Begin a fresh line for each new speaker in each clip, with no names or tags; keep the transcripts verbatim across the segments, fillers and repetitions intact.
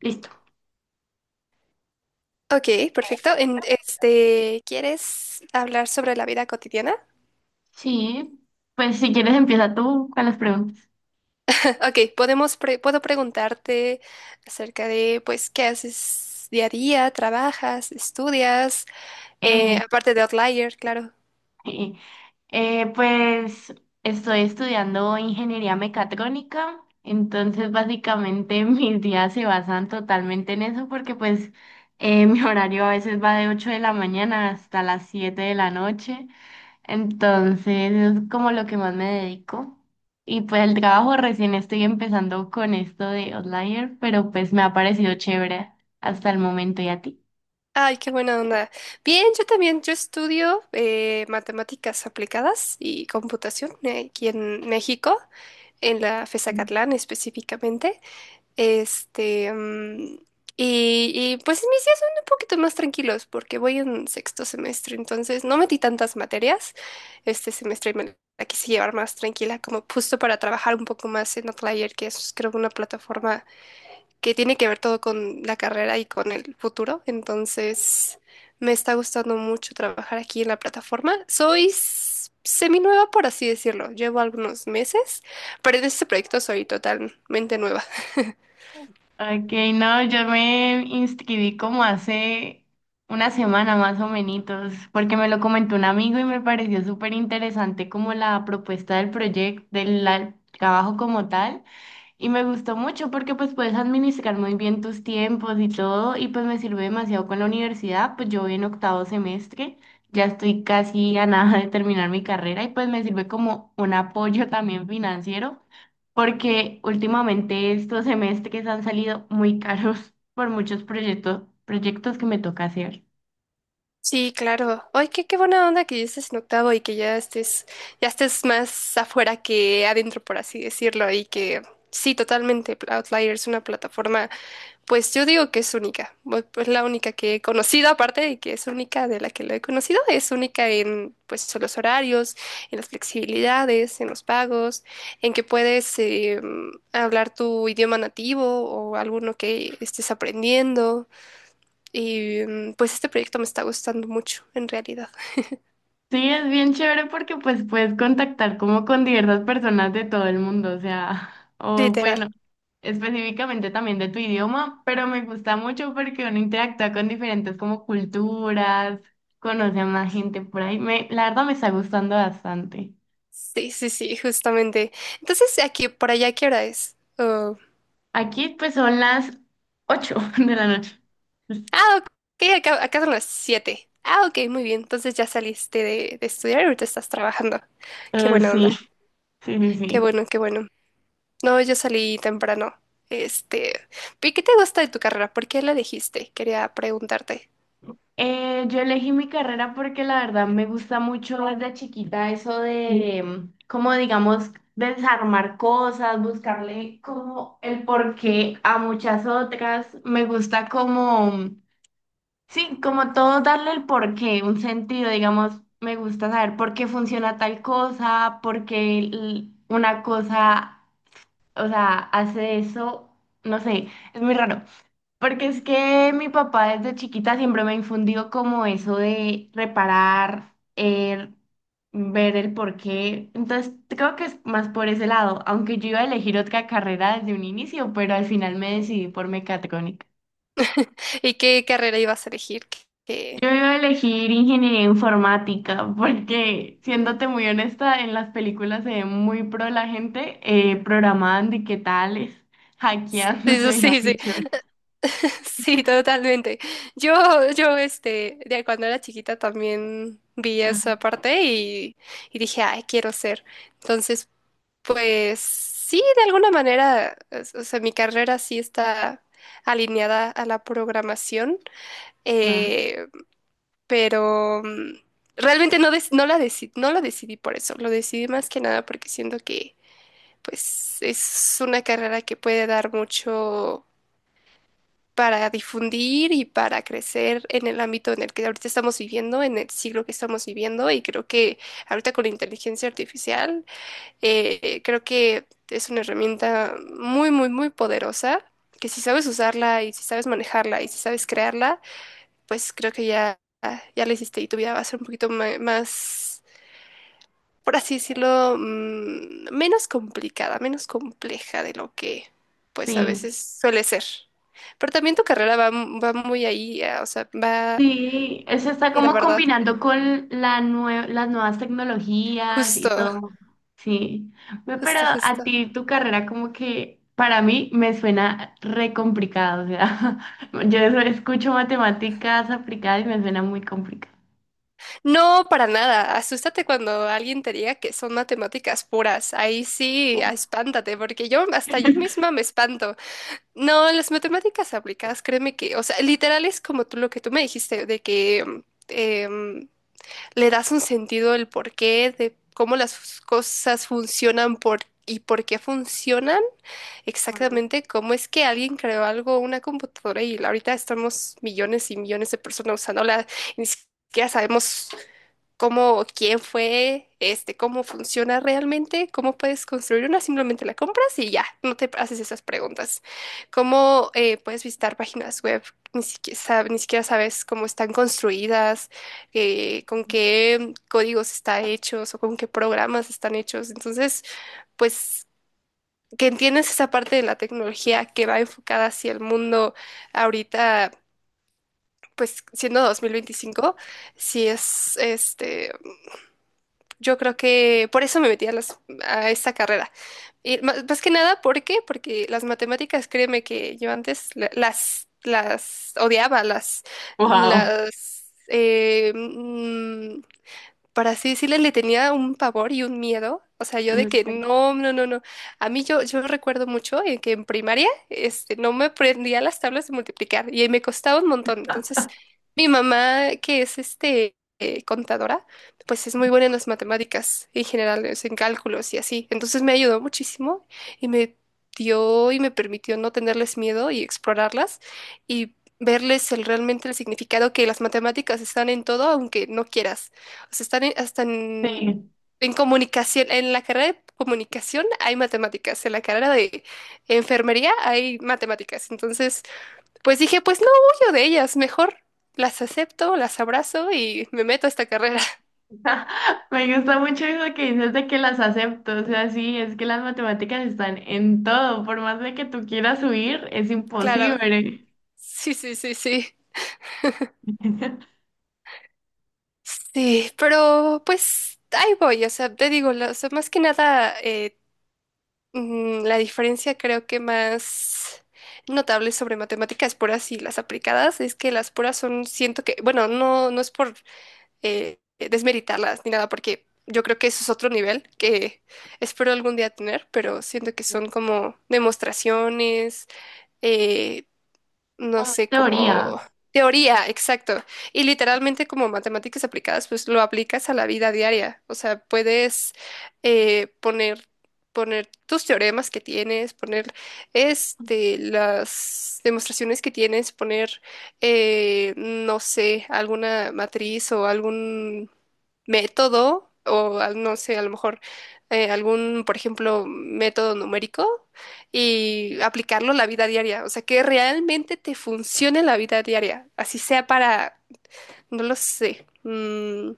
Listo.
Ok, perfecto. En- este, ¿quieres hablar sobre la vida cotidiana?
Sí, pues si quieres empieza tú con las preguntas.
Ok, podemos pre- puedo preguntarte acerca de, pues, qué haces día a día, trabajas, estudias. Eh,
Eh,
aparte de Outlier, claro.
eh, eh, pues estoy estudiando ingeniería mecatrónica, entonces básicamente mis días se basan totalmente en eso porque pues eh, mi horario a veces va de ocho de la mañana hasta las siete de la noche, entonces es como lo que más me dedico. Y pues el trabajo recién estoy empezando con esto de Outlier, pero pues me ha parecido chévere hasta el momento. ¿Y a ti?
Ay, qué buena onda. Bien, yo también, yo estudio eh, matemáticas aplicadas y computación, eh, aquí en México, en la FESACatlán específicamente. Este, mm, y, y pues mis días son un poquito más tranquilos porque voy en sexto semestre, entonces no metí tantas materias este semestre y me la quise llevar más tranquila, como justo para trabajar un poco más en Outlier, que es creo una plataforma que tiene que ver todo con la carrera y con el futuro, entonces me está gustando mucho trabajar aquí en la plataforma. Soy s- seminueva, por así decirlo, llevo algunos meses, pero en este proyecto soy totalmente nueva.
Ok, no, yo me inscribí como hace una semana más o menos, porque me lo comentó un amigo y me pareció súper interesante como la propuesta del proyecto, del la- trabajo como tal. Y me gustó mucho porque pues puedes administrar muy bien tus tiempos y todo y pues me sirve demasiado con la universidad, pues yo voy en octavo semestre, ya estoy casi a nada de terminar mi carrera y pues me sirve como un apoyo también financiero porque últimamente estos semestres han salido muy caros por muchos proyectos, proyectos que me toca hacer.
Sí, claro. Ay, qué, qué buena onda que ya estés en octavo y que ya estés, ya estés más afuera que adentro, por así decirlo, y que sí, totalmente. Pl- Outlier es una plataforma, pues yo digo que es única. Bu- pues la única que he conocido, aparte de que es única de la que lo he conocido, es única en pues los horarios, en las flexibilidades, en los pagos, en que puedes eh, hablar tu idioma nativo o alguno que estés aprendiendo. Y mm, pues este proyecto me está gustando mucho, en realidad.
Sí, es bien chévere porque pues puedes contactar como con diversas personas de todo el mundo, o sea, o
Literal.
bueno, específicamente también de tu idioma, pero me gusta mucho porque uno interactúa con diferentes como culturas, conoce a más gente por ahí. Me, la verdad me está gustando bastante.
Sí, sí, sí, justamente. Entonces, aquí, por allá, ¿qué hora es? Oh.
Aquí pues son las ocho de la noche.
Ah, ok, acá, acá son las siete. Ah, ok, muy bien. Entonces ya saliste de, de estudiar y ahorita estás trabajando. Qué
Eh,
buena
sí,
onda.
sí, sí,
Qué
sí.
bueno, qué bueno. No, yo salí temprano. Este, ¿y qué te gusta de tu carrera? ¿Por qué la elegiste? Quería preguntarte.
Eh, yo elegí mi carrera porque la verdad me gusta mucho desde chiquita eso de, mm, como digamos, desarmar cosas, buscarle como el porqué a muchas otras. Me gusta como, mm, sí, como todo darle el porqué, un sentido, digamos, me gusta saber por qué funciona tal cosa, por qué l- una cosa o sea, hace eso, no sé, es muy raro. Porque es que mi papá desde chiquita siempre me infundió como eso de reparar, el- ver el porqué. Entonces creo que es más por ese lado, aunque yo iba a elegir otra carrera desde un inicio, pero al final me decidí por mecatrónica.
¿Y qué carrera ibas a elegir? ¿Qué- qué-
Yo iba a elegir ingeniería informática porque, siéndote muy honesta, en las películas se ve muy pro la gente eh, programando y qué tales, hackeando, se
Sí,
veía
sí, sí.
mucho.
Sí, totalmente. Yo, yo, este, de cuando era chiquita también vi esa
Ajá,
parte y, y dije, ay, quiero ser. Entonces, pues sí, de alguna manera, o o sea, mi carrera sí está alineada a la programación, eh, pero mm, realmente no, dec- no la deci- no lo decidí por eso, lo decidí más que nada porque siento que, pues, es una carrera que puede dar mucho para difundir y para crecer en el ámbito en el que ahorita estamos viviendo, en el siglo que estamos viviendo, y creo que ahorita con la inteligencia artificial, eh, creo que es una herramienta muy, muy, muy poderosa, que si sabes usarla y si sabes manejarla y si sabes crearla, pues creo que ya, ya la hiciste y tu vida va a ser un poquito ma- más, por así decirlo, mm, menos complicada, menos compleja de lo que pues a
sí,
veces suele ser. Pero también tu carrera va, m- va muy ahí, ah, o sea, va,
sí, eso está
sí, la
como
verdad,
combinando con la nue- las nuevas tecnologías y
justo,
todo, sí. Ve, pero
justo,
a
justo.
ti tu carrera como que para mí me suena re complicado, o sea, yo eso escucho matemáticas aplicadas y me suena muy complicado.
No, para nada, asústate cuando alguien te diga que son matemáticas puras, ahí sí, ah, espántate, porque yo hasta yo misma me espanto. No, las matemáticas aplicadas, créeme que, o sea, literal es como tú lo que tú me dijiste, de que em, le das un sentido del porqué, de cómo las cosas funcionan por, y por qué funcionan exactamente, cómo es que alguien creó algo, una computadora, y ahorita estamos millones y millones de personas usándola, y ni siquiera sabemos cómo, quién fue, este, cómo funciona realmente, cómo puedes construir una, simplemente la compras y ya, no te haces esas preguntas. Cómo eh, puedes visitar páginas web, ni siquiera, sab- ni siquiera sabes cómo están construidas, eh, con qué códigos están hechos o con qué programas están hechos. Entonces, pues que entiendes esa parte de la tecnología que va enfocada hacia el mundo ahorita, pues siendo dos mil veinticinco, sí es, este, yo creo que por eso me metí a, las, a esta carrera. Y ma- más que nada, ¿por qué? Porque las matemáticas, créeme que yo antes la- las, las odiaba, las,
Wow.
las, eh, mm, para así decirle, le tenía un pavor y un miedo. O sea, yo de que
Sí.
no, no, no, no. A mí yo, yo recuerdo mucho en que en primaria este, no me aprendía las tablas de multiplicar y me costaba un montón. Entonces, mi mamá, que es este, eh, contadora, pues es muy buena en las matemáticas en general, es en cálculos y así. Entonces me ayudó muchísimo y me dio y me permitió no tenerles miedo y explorarlas y verles el, realmente el significado que las matemáticas están en todo, aunque no quieras. Pues están en- hasta en, en comunicación, en la carrera de comunicación hay matemáticas, en la carrera de enfermería hay matemáticas. Entonces, pues dije, pues no huyo de ellas, mejor las acepto, las abrazo y me meto a esta carrera.
Me gusta mucho eso que dices de que las acepto, o sea, sí, es que las matemáticas están en todo, por más de que tú quieras subir, es
Claro,
imposible.
sí, sí, sí, sí. Sí, pero pues ahí voy, o sea, te digo, la- o sea, más que nada eh, mm, la diferencia creo que más notable sobre matemáticas puras y las aplicadas es que las puras son, siento que, bueno, no, no es por eh, desmeritarlas ni nada, porque yo creo que eso es otro nivel que espero algún día tener, pero siento que son como demostraciones, eh, no
Como más
sé,
teoría,
como teoría, exacto. Y literalmente como matemáticas aplicadas, pues lo aplicas a la vida diaria. O sea, puedes eh, poner, poner tus teoremas que tienes, poner este, las demostraciones que tienes, poner, eh, no sé, alguna matriz o algún método. O al- no sé, a lo mejor eh, algún, por ejemplo, método numérico y aplicarlo a la vida diaria. O sea, que realmente te funcione en la vida diaria. Así sea para, no lo sé, mm,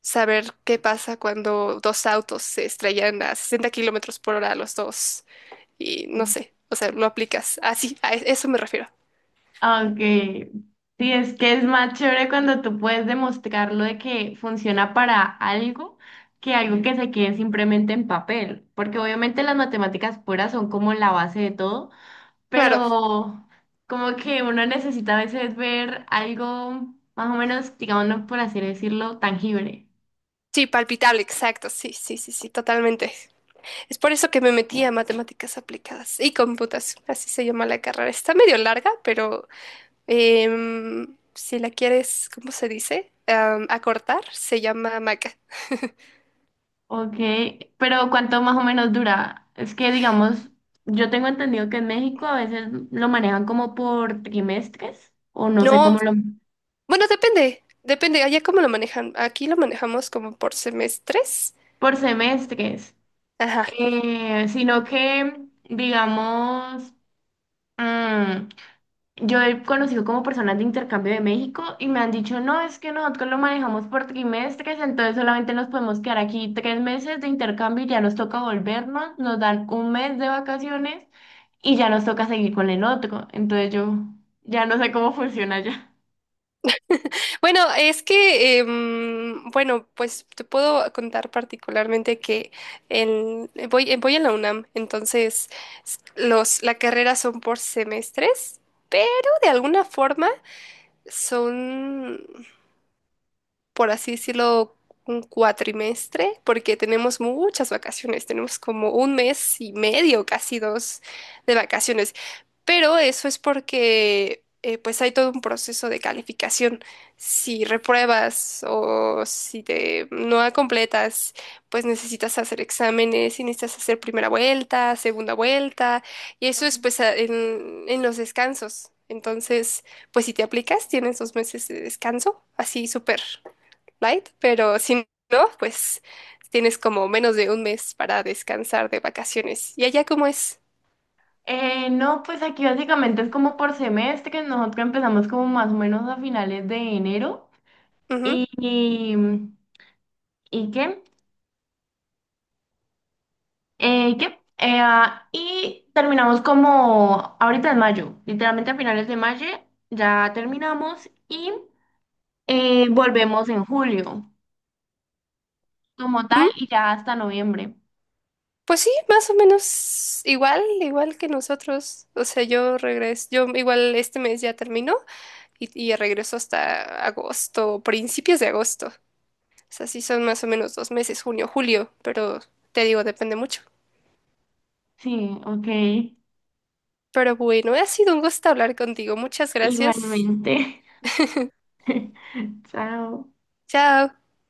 saber qué pasa cuando dos autos se estrellan a sesenta kilómetros por hora los dos. Y no sé, o sea, lo aplicas. Así, a e- eso me refiero.
aunque sí, es que es más chévere cuando tú puedes demostrarlo de que funciona para algo que algo que se quede simplemente en papel, porque obviamente las matemáticas puras son como la base de todo,
Claro,
pero como que uno necesita a veces ver algo más o menos, digamos, no por así decirlo, tangible.
sí, palpitable, exacto. Sí, sí, sí, sí, totalmente. Es por eso que me metí a matemáticas aplicadas y computación. Así se llama la carrera. Está medio larga, pero em, si la quieres, ¿cómo se dice? Am, acortar, se llama maca.
Ok, pero ¿cuánto más o menos dura? Es que, digamos, yo tengo entendido que en México a veces lo manejan como por trimestres, o no sé
No,
cómo lo...
bueno, depende, depende, allá cómo lo manejan. Aquí lo manejamos como por semestres.
por semestres.
Ajá.
Eh, sino que, digamos, mm, yo he conocido como personas de intercambio de México y me han dicho, no, es que nosotros lo manejamos por trimestres, entonces solamente nos podemos quedar aquí tres meses de intercambio y ya nos toca volvernos, nos dan un mes de vacaciones y ya nos toca seguir con el otro. Entonces yo ya no sé cómo funciona ya.
Bueno, es que, em, bueno, pues te puedo contar particularmente que en- voy, eh, voy en la UNAM, entonces los, la carrera son por semestres, pero de alguna forma son por así decirlo, un cuatrimestre, porque tenemos muchas vacaciones, tenemos como un mes y medio, casi dos de vacaciones. Pero eso es porque eh, pues hay todo un proceso de calificación. Si repruebas o si te no completas, pues necesitas hacer exámenes y necesitas hacer primera vuelta, segunda vuelta, y eso es pues a- en, en los descansos. Entonces, pues si te aplicas, tienes dos meses de descanso, así súper light, pero si no, pues tienes como menos de un mes para descansar de vacaciones. ¿Y allá cómo es?
Eh, no, pues aquí básicamente es como por semestres, nosotros empezamos como más o menos a finales de enero
Ujú.
y, y, ¿y qué? Eh, ¿qué? Eh, ah, y terminamos como ahorita en mayo, literalmente a finales de mayo ya terminamos y eh, volvemos en julio como tal
Mm,
y ya hasta noviembre.
pues sí, más o menos igual, igual que nosotros. O sea, yo regreso, yo igual este mes ya terminó y, y regreso hasta agosto, principios de agosto. O sea, sí son más o menos dos meses, junio, julio, pero te digo, depende mucho.
Sí, ok,
Pero bueno, ha sido un gusto hablar contigo. Muchas gracias.
igualmente. Chao.
Chao.